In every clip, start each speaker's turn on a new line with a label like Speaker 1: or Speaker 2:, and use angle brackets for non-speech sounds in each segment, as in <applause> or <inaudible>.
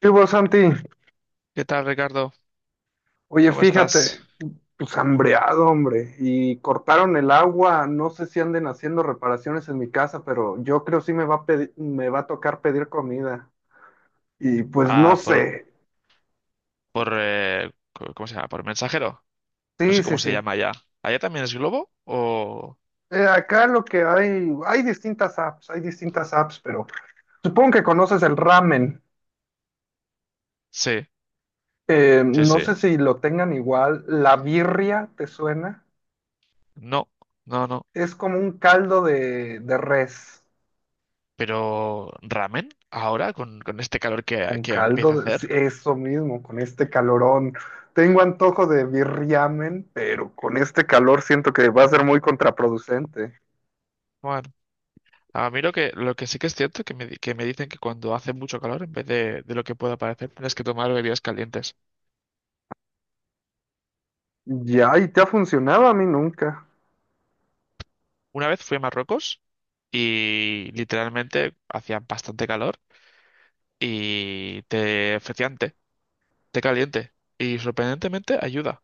Speaker 1: Sí, vos, Santi,
Speaker 2: ¿Qué tal, Ricardo?
Speaker 1: oye,
Speaker 2: ¿Cómo estás?
Speaker 1: fíjate, pues hambreado, hombre, y cortaron el agua, no sé si anden haciendo reparaciones en mi casa, pero yo creo sí me va a me va a tocar pedir comida. Y pues no
Speaker 2: Ah,
Speaker 1: sé,
Speaker 2: ¿cómo se llama? Por mensajero. No sé
Speaker 1: sí, sí,
Speaker 2: cómo se
Speaker 1: sí.
Speaker 2: llama allá. ¿Allá también es globo? ¿O?
Speaker 1: Acá lo que hay, hay distintas apps, pero supongo que conoces el ramen.
Speaker 2: Sí, sí,
Speaker 1: No
Speaker 2: sí.
Speaker 1: sé si lo tengan igual, la birria, ¿te suena?
Speaker 2: No, no, no.
Speaker 1: Es como un caldo de res.
Speaker 2: Pero ramen, ahora, con este calor que,
Speaker 1: Con
Speaker 2: que
Speaker 1: caldo,
Speaker 2: empieza a
Speaker 1: sí,
Speaker 2: hacer.
Speaker 1: eso mismo, con este calorón. Tengo antojo de birriamen, pero con este calor siento que va a ser muy contraproducente.
Speaker 2: Bueno, a mí lo que sí que es cierto que me dicen que cuando hace mucho calor, en vez de lo que pueda parecer, tienes que tomar bebidas calientes.
Speaker 1: Ya, y te ha funcionado a mí nunca.
Speaker 2: Una vez fui a Marruecos y literalmente hacía bastante calor y te ofrecían té. Te caliente y sorprendentemente ayuda,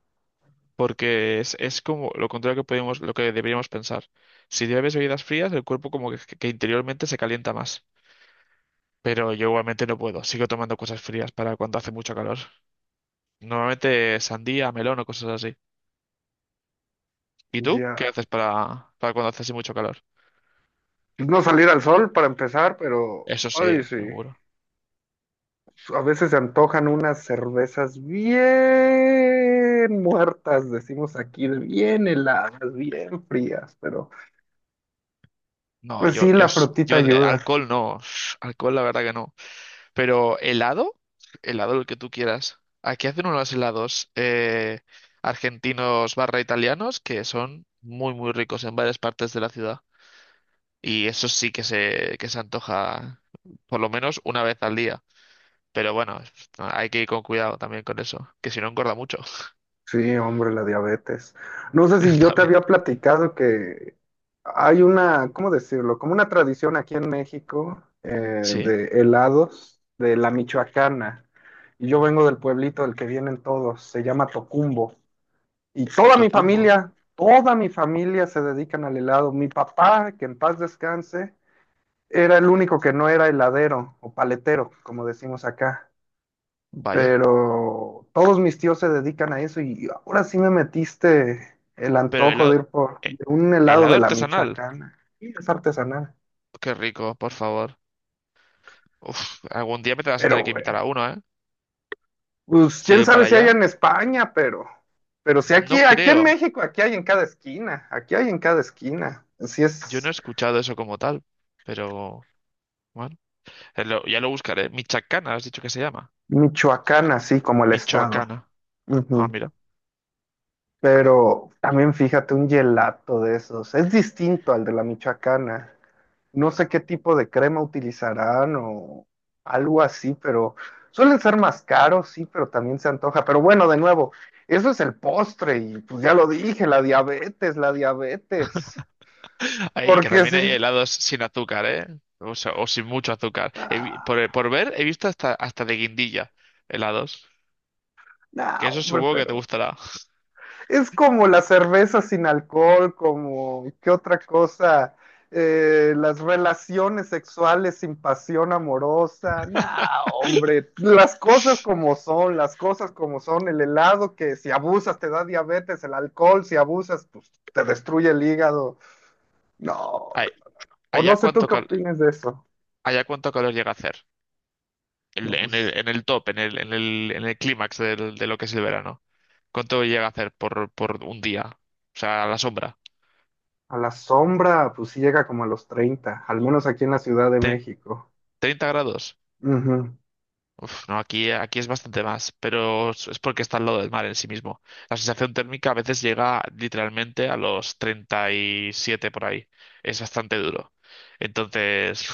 Speaker 2: porque es como lo contrario que podemos, lo que deberíamos pensar. Si bebes bebidas frías, el cuerpo como que interiormente se calienta más. Pero yo igualmente no puedo, sigo tomando cosas frías para cuando hace mucho calor. Normalmente sandía, melón o cosas así. ¿Y tú qué
Speaker 1: Ya.
Speaker 2: haces para cuando hace así mucho calor?
Speaker 1: No salir al sol para empezar, pero,
Speaker 2: Eso sí,
Speaker 1: ay, sí.
Speaker 2: seguro.
Speaker 1: A veces se antojan unas cervezas bien muertas, decimos aquí, de bien heladas, bien frías, pero
Speaker 2: No,
Speaker 1: pues
Speaker 2: yo,
Speaker 1: sí,
Speaker 2: yo,
Speaker 1: la
Speaker 2: s-
Speaker 1: frutita
Speaker 2: yo de
Speaker 1: ayuda.
Speaker 2: alcohol no. <sniffs> Alcohol la verdad que no. Pero helado, helado el que tú quieras. Aquí hacen unos helados argentinos/italianos que son muy muy ricos en varias partes de la ciudad. Y eso sí que se antoja por lo menos una vez al día. Pero bueno, hay que ir con cuidado también con eso, que si no engorda mucho
Speaker 1: Sí, hombre, la diabetes. No sé
Speaker 2: <laughs>
Speaker 1: si yo te
Speaker 2: también.
Speaker 1: había platicado que hay una, ¿cómo decirlo? Como una tradición aquí en México,
Speaker 2: Sí,
Speaker 1: de helados de la Michoacana. Y yo vengo del pueblito del que vienen todos, se llama Tocumbo. Y
Speaker 2: Tocumbo,
Speaker 1: toda mi familia se dedican al helado. Mi papá, que en paz descanse, era el único que no era heladero o paletero, como decimos acá.
Speaker 2: vaya.
Speaker 1: Pero todos mis tíos se dedican a eso y ahora sí me metiste el
Speaker 2: Pero
Speaker 1: antojo
Speaker 2: helado,
Speaker 1: de ir por
Speaker 2: eh,
Speaker 1: de un helado
Speaker 2: helado
Speaker 1: de la
Speaker 2: artesanal,
Speaker 1: Michoacana. Y es artesanal.
Speaker 2: qué rico, por favor. Uf, algún día me te vas a
Speaker 1: Pero
Speaker 2: tener que invitar
Speaker 1: bueno,
Speaker 2: a uno, ¿eh?
Speaker 1: pues quién
Speaker 2: Sí,
Speaker 1: sabe
Speaker 2: para
Speaker 1: si hay
Speaker 2: allá.
Speaker 1: en España, pero si
Speaker 2: No
Speaker 1: aquí,
Speaker 2: creo.
Speaker 1: Aquí hay en cada esquina, aquí hay en cada esquina. Así
Speaker 2: Yo no he
Speaker 1: es
Speaker 2: escuchado eso como tal. Pero bueno, ya lo buscaré. Michacana, has dicho que se llama.
Speaker 1: Michoacán, así como el estado.
Speaker 2: Michoacana. Ah,
Speaker 1: Ujú.
Speaker 2: mira.
Speaker 1: Pero también fíjate, un gelato de esos es distinto al de la michoacana. No sé qué tipo de crema utilizarán o algo así, pero suelen ser más caros, sí, pero también se antoja. Pero bueno, de nuevo, eso es el postre y pues ya lo dije, la diabetes, la diabetes.
Speaker 2: <laughs> Ahí, que
Speaker 1: Porque
Speaker 2: también hay
Speaker 1: sí.
Speaker 2: helados sin azúcar, ¿eh? O sea, o sin mucho azúcar. Por,
Speaker 1: Ah,
Speaker 2: por ver, he visto hasta, hasta de guindilla helados.
Speaker 1: no,
Speaker 2: Que eso
Speaker 1: hombre,
Speaker 2: supongo que te
Speaker 1: pero...
Speaker 2: gustará. <laughs>
Speaker 1: Es como la cerveza sin alcohol, como qué otra cosa. Las relaciones sexuales sin pasión amorosa. Nah, hombre, las cosas como son, las cosas como son, el helado que si abusas te da diabetes, el alcohol si abusas pues te destruye el hígado. No,
Speaker 2: Ay,
Speaker 1: o
Speaker 2: allá
Speaker 1: no sé tú
Speaker 2: cuánto
Speaker 1: qué
Speaker 2: cal-
Speaker 1: opinas de eso.
Speaker 2: allá cuánto calor llega a hacer.
Speaker 1: No,
Speaker 2: En
Speaker 1: pues,
Speaker 2: el top, en el clímax de lo que es el verano. ¿Cuánto llega a hacer por un día? O sea, a la sombra.
Speaker 1: a la sombra, pues sí llega como a los 30, al menos aquí en la Ciudad de México.
Speaker 2: 30 grados.
Speaker 1: Ujú.
Speaker 2: Uf, no, aquí es bastante más, pero es porque está al lado del mar en sí mismo. La sensación térmica a veces llega literalmente a los 37 por ahí. Es bastante duro. Entonces,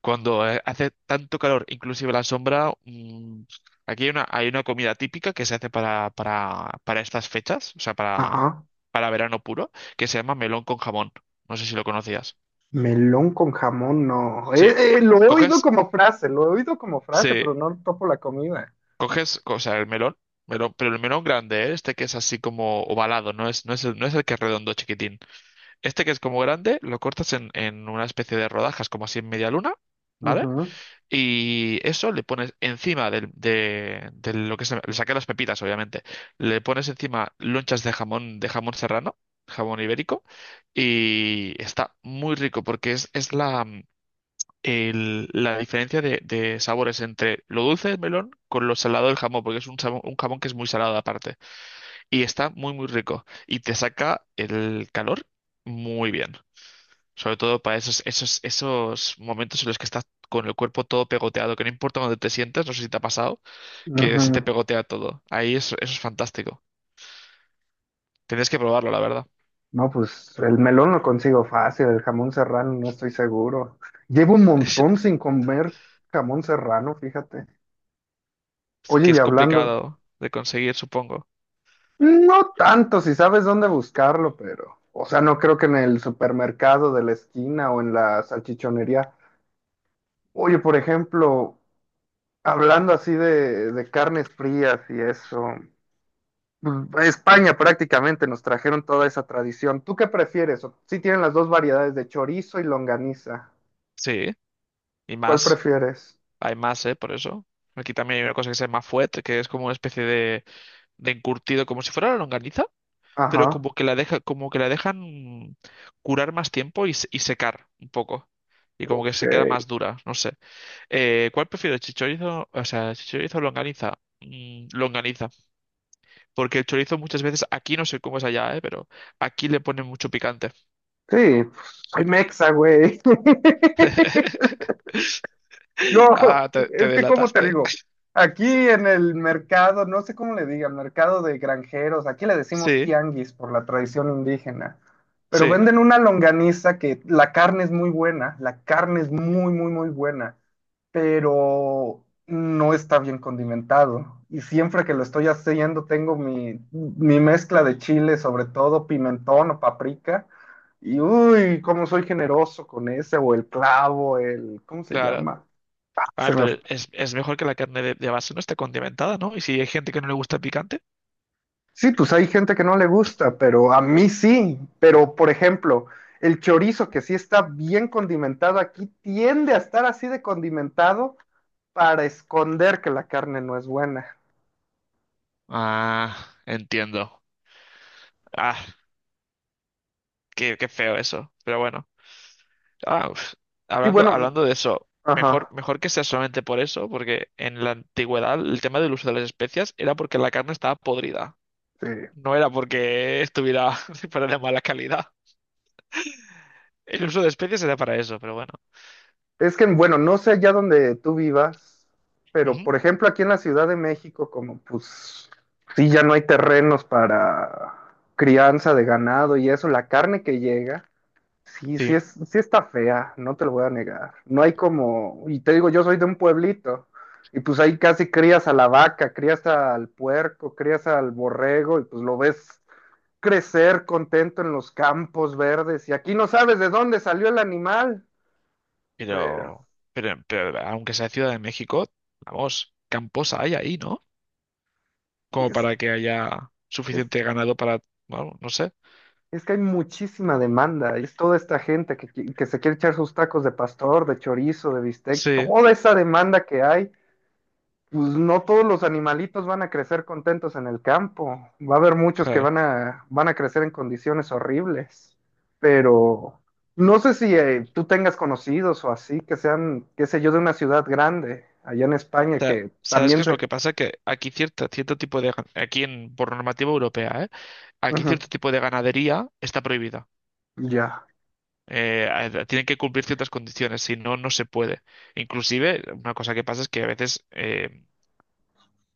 Speaker 2: cuando hace tanto calor, inclusive la sombra, aquí hay una comida típica que se hace para estas fechas, o sea, para,
Speaker 1: Ajá.
Speaker 2: para verano puro, que se llama melón con jamón. No sé si lo conocías.
Speaker 1: Melón con jamón, no.
Speaker 2: Sí.
Speaker 1: Lo he oído
Speaker 2: Coges,
Speaker 1: como frase, lo he oído como frase,
Speaker 2: sí.
Speaker 1: pero no topo la comida.
Speaker 2: Coges, o sea, el melón, melón, pero el melón grande, ¿eh? Este que es así como ovalado, no es el que es redondo chiquitín. Este que es como grande, lo cortas en una especie de rodajas, como así en media luna, ¿vale?
Speaker 1: Ujú,
Speaker 2: Y eso le pones encima de lo que se, le saqué las pepitas, obviamente. Le pones encima lonchas de jamón serrano, jamón ibérico, y está muy rico porque es la, la diferencia de sabores entre lo dulce del melón con lo salado del jamón, porque es un jamón que es muy salado aparte. Y está muy, muy rico. Y te saca el calor muy bien. Sobre todo para esos momentos en los que estás con el cuerpo todo pegoteado, que no importa dónde te sientes, no sé si te ha pasado, que se te
Speaker 1: ujú.
Speaker 2: pegotea todo. Ahí eso, eso es fantástico. Tienes que probarlo, la verdad.
Speaker 1: No, pues el melón lo consigo fácil, el jamón serrano no estoy seguro. Llevo un montón
Speaker 2: <laughs>
Speaker 1: sin comer jamón serrano, fíjate.
Speaker 2: Es
Speaker 1: Oye,
Speaker 2: que
Speaker 1: y
Speaker 2: es
Speaker 1: hablando,
Speaker 2: complicado de conseguir, supongo.
Speaker 1: no tanto si sabes dónde buscarlo, pero, o sea, no creo que en el supermercado de la esquina o en la salchichonería. Oye, por ejemplo, hablando así de carnes frías y eso. Pues, España prácticamente nos trajeron toda esa tradición. ¿Tú qué prefieres? Si sí tienen las dos variedades de chorizo y longaniza.
Speaker 2: Sí, y
Speaker 1: ¿Cuál
Speaker 2: más.
Speaker 1: prefieres?
Speaker 2: Hay más, ¿eh? Por eso. Aquí también hay una cosa que se llama fuet, que es como una especie de encurtido, como si fuera la longaniza, pero
Speaker 1: Ajá.
Speaker 2: como que la dejan curar más tiempo y secar un poco. Y como que se queda más
Speaker 1: Ok.
Speaker 2: dura, no sé. ¿Cuál prefiero? ¿Chichorizo? O sea, ¿chichorizo o longaniza? Longaniza. Porque el chorizo muchas veces, aquí no sé cómo es allá, ¿eh? Pero aquí le ponen mucho picante.
Speaker 1: Sí, pues, soy mexa, güey. <laughs>
Speaker 2: <laughs>
Speaker 1: No,
Speaker 2: Ah, te
Speaker 1: es que como te
Speaker 2: delataste.
Speaker 1: digo, aquí en el mercado, no sé cómo le digan, mercado de granjeros, aquí le decimos
Speaker 2: Sí,
Speaker 1: tianguis por la tradición indígena, pero
Speaker 2: sí,
Speaker 1: venden una longaniza que la carne es muy buena, la carne es muy, muy, muy buena. Pero no está bien condimentado. Y siempre que lo estoy haciendo, tengo mi mezcla de chile, sobre todo pimentón o paprika. Y uy, cómo soy generoso con ese, o el clavo, el, ¿cómo se
Speaker 2: claro.
Speaker 1: llama? Ah,
Speaker 2: Ah, pero es mejor que la carne de base no esté condimentada, ¿no? Y si hay gente que no le gusta el picante.
Speaker 1: Sí, pues hay gente que no le gusta, pero a mí sí. Pero, por ejemplo, el chorizo, que sí está bien condimentado aquí, tiende a estar así de condimentado para esconder que la carne no es buena.
Speaker 2: Ah, entiendo. Ah, qué feo eso. Pero bueno. Ah, uf.
Speaker 1: Y
Speaker 2: Hablando,
Speaker 1: bueno,
Speaker 2: hablando de eso, mejor,
Speaker 1: ajá,
Speaker 2: mejor que sea solamente por eso, porque en la antigüedad el tema del uso de las especias era porque la carne estaba podrida.
Speaker 1: sí.
Speaker 2: No era porque estuviera <laughs> fuera de mala calidad. El uso de especias era para eso, pero bueno.
Speaker 1: Es que, bueno, no sé allá donde tú vivas, pero
Speaker 2: Ujú,
Speaker 1: por ejemplo aquí en la Ciudad de México, como pues sí, ya no hay terrenos para crianza de ganado y eso, la carne que llega, sí,
Speaker 2: sí.
Speaker 1: es, sí está fea, no te lo voy a negar. No hay como, y te digo, yo soy de un pueblito, y pues ahí casi crías a la vaca, crías al puerco, crías al borrego, y pues lo ves crecer contento en los campos verdes, y aquí no sabes de dónde salió el animal,
Speaker 2: Pero,
Speaker 1: pero...
Speaker 2: pero aunque sea Ciudad de México, vamos, camposa hay ahí, ¿no? Como
Speaker 1: Es
Speaker 2: para que haya
Speaker 1: Es,
Speaker 2: suficiente ganado para, bueno, no sé.
Speaker 1: es que hay muchísima demanda, y es toda esta gente que, que se quiere echar sus tacos de pastor, de chorizo, de bistec,
Speaker 2: Sí,
Speaker 1: toda esa demanda que hay, pues no todos los animalitos van a crecer contentos en el campo, va a haber muchos que
Speaker 2: claro.
Speaker 1: van a crecer en condiciones horribles, pero no sé si tú tengas conocidos o así, que sean, qué sé yo, de una ciudad grande, allá en España,
Speaker 2: O
Speaker 1: que
Speaker 2: ¿sabes
Speaker 1: también
Speaker 2: qué es lo
Speaker 1: se...
Speaker 2: que pasa? Que aquí cierto tipo de, gan- aquí en, por normativa europea, ¿eh? Aquí
Speaker 1: Ujú,
Speaker 2: cierto tipo de ganadería está prohibida.
Speaker 1: ya.
Speaker 2: Eh, tienen que cumplir ciertas condiciones, si no, no se puede. Inclusive, una cosa que pasa es que a veces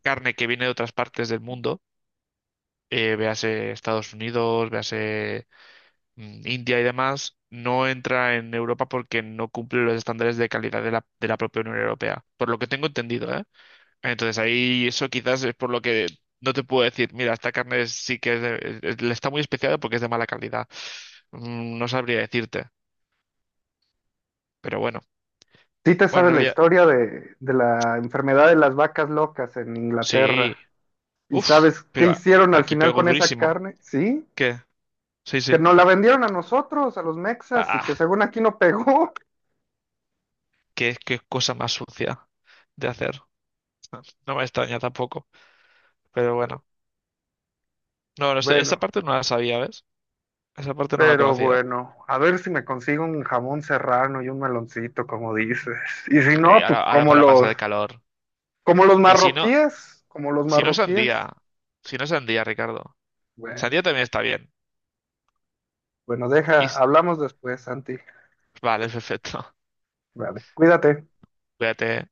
Speaker 2: carne que viene de otras partes del mundo, véase Estados Unidos, véase India y demás, no entra en Europa porque no cumple los estándares de calidad de la propia Unión Europea, por lo que tengo entendido, ¿eh? Entonces ahí eso quizás es por lo que no te puedo decir, mira, esta carne sí que le está muy especiada porque es de mala calidad. No sabría decirte, pero bueno.
Speaker 1: Sí te
Speaker 2: Bueno, en
Speaker 1: sabes la
Speaker 2: realidad,
Speaker 1: historia de la enfermedad de las vacas locas en
Speaker 2: sí.
Speaker 1: Inglaterra. ¿Y
Speaker 2: Uf,
Speaker 1: sabes qué
Speaker 2: pero
Speaker 1: hicieron al
Speaker 2: aquí
Speaker 1: final
Speaker 2: pego
Speaker 1: con esa
Speaker 2: durísimo.
Speaker 1: carne? Sí,
Speaker 2: ¿Qué? Sí, sí.
Speaker 1: que nos la vendieron a nosotros, a los mexas, y que
Speaker 2: Ah,
Speaker 1: según aquí no pegó. <laughs>
Speaker 2: qué cosa más sucia de hacer. <laughs> No me extraña tampoco, pero bueno. No, no, esta
Speaker 1: Bueno,
Speaker 2: parte no la sabía, ¿ves? Esa parte no la
Speaker 1: pero
Speaker 2: conocía.
Speaker 1: bueno, a ver si me consigo un jamón serrano y un meloncito, como dices. Y si no, pues
Speaker 2: Ahora para pasar el calor.
Speaker 1: como los
Speaker 2: Y si no,
Speaker 1: marroquíes, como los
Speaker 2: si no
Speaker 1: marroquíes.
Speaker 2: sandía. Si no sandía, Ricardo.
Speaker 1: Bueno,
Speaker 2: Sandía también está bien.
Speaker 1: bueno,
Speaker 2: Y,
Speaker 1: deja,
Speaker 2: s-
Speaker 1: hablamos después, Santi.
Speaker 2: vale, perfecto.
Speaker 1: Vale, cuídate.
Speaker 2: <laughs> Cuídate.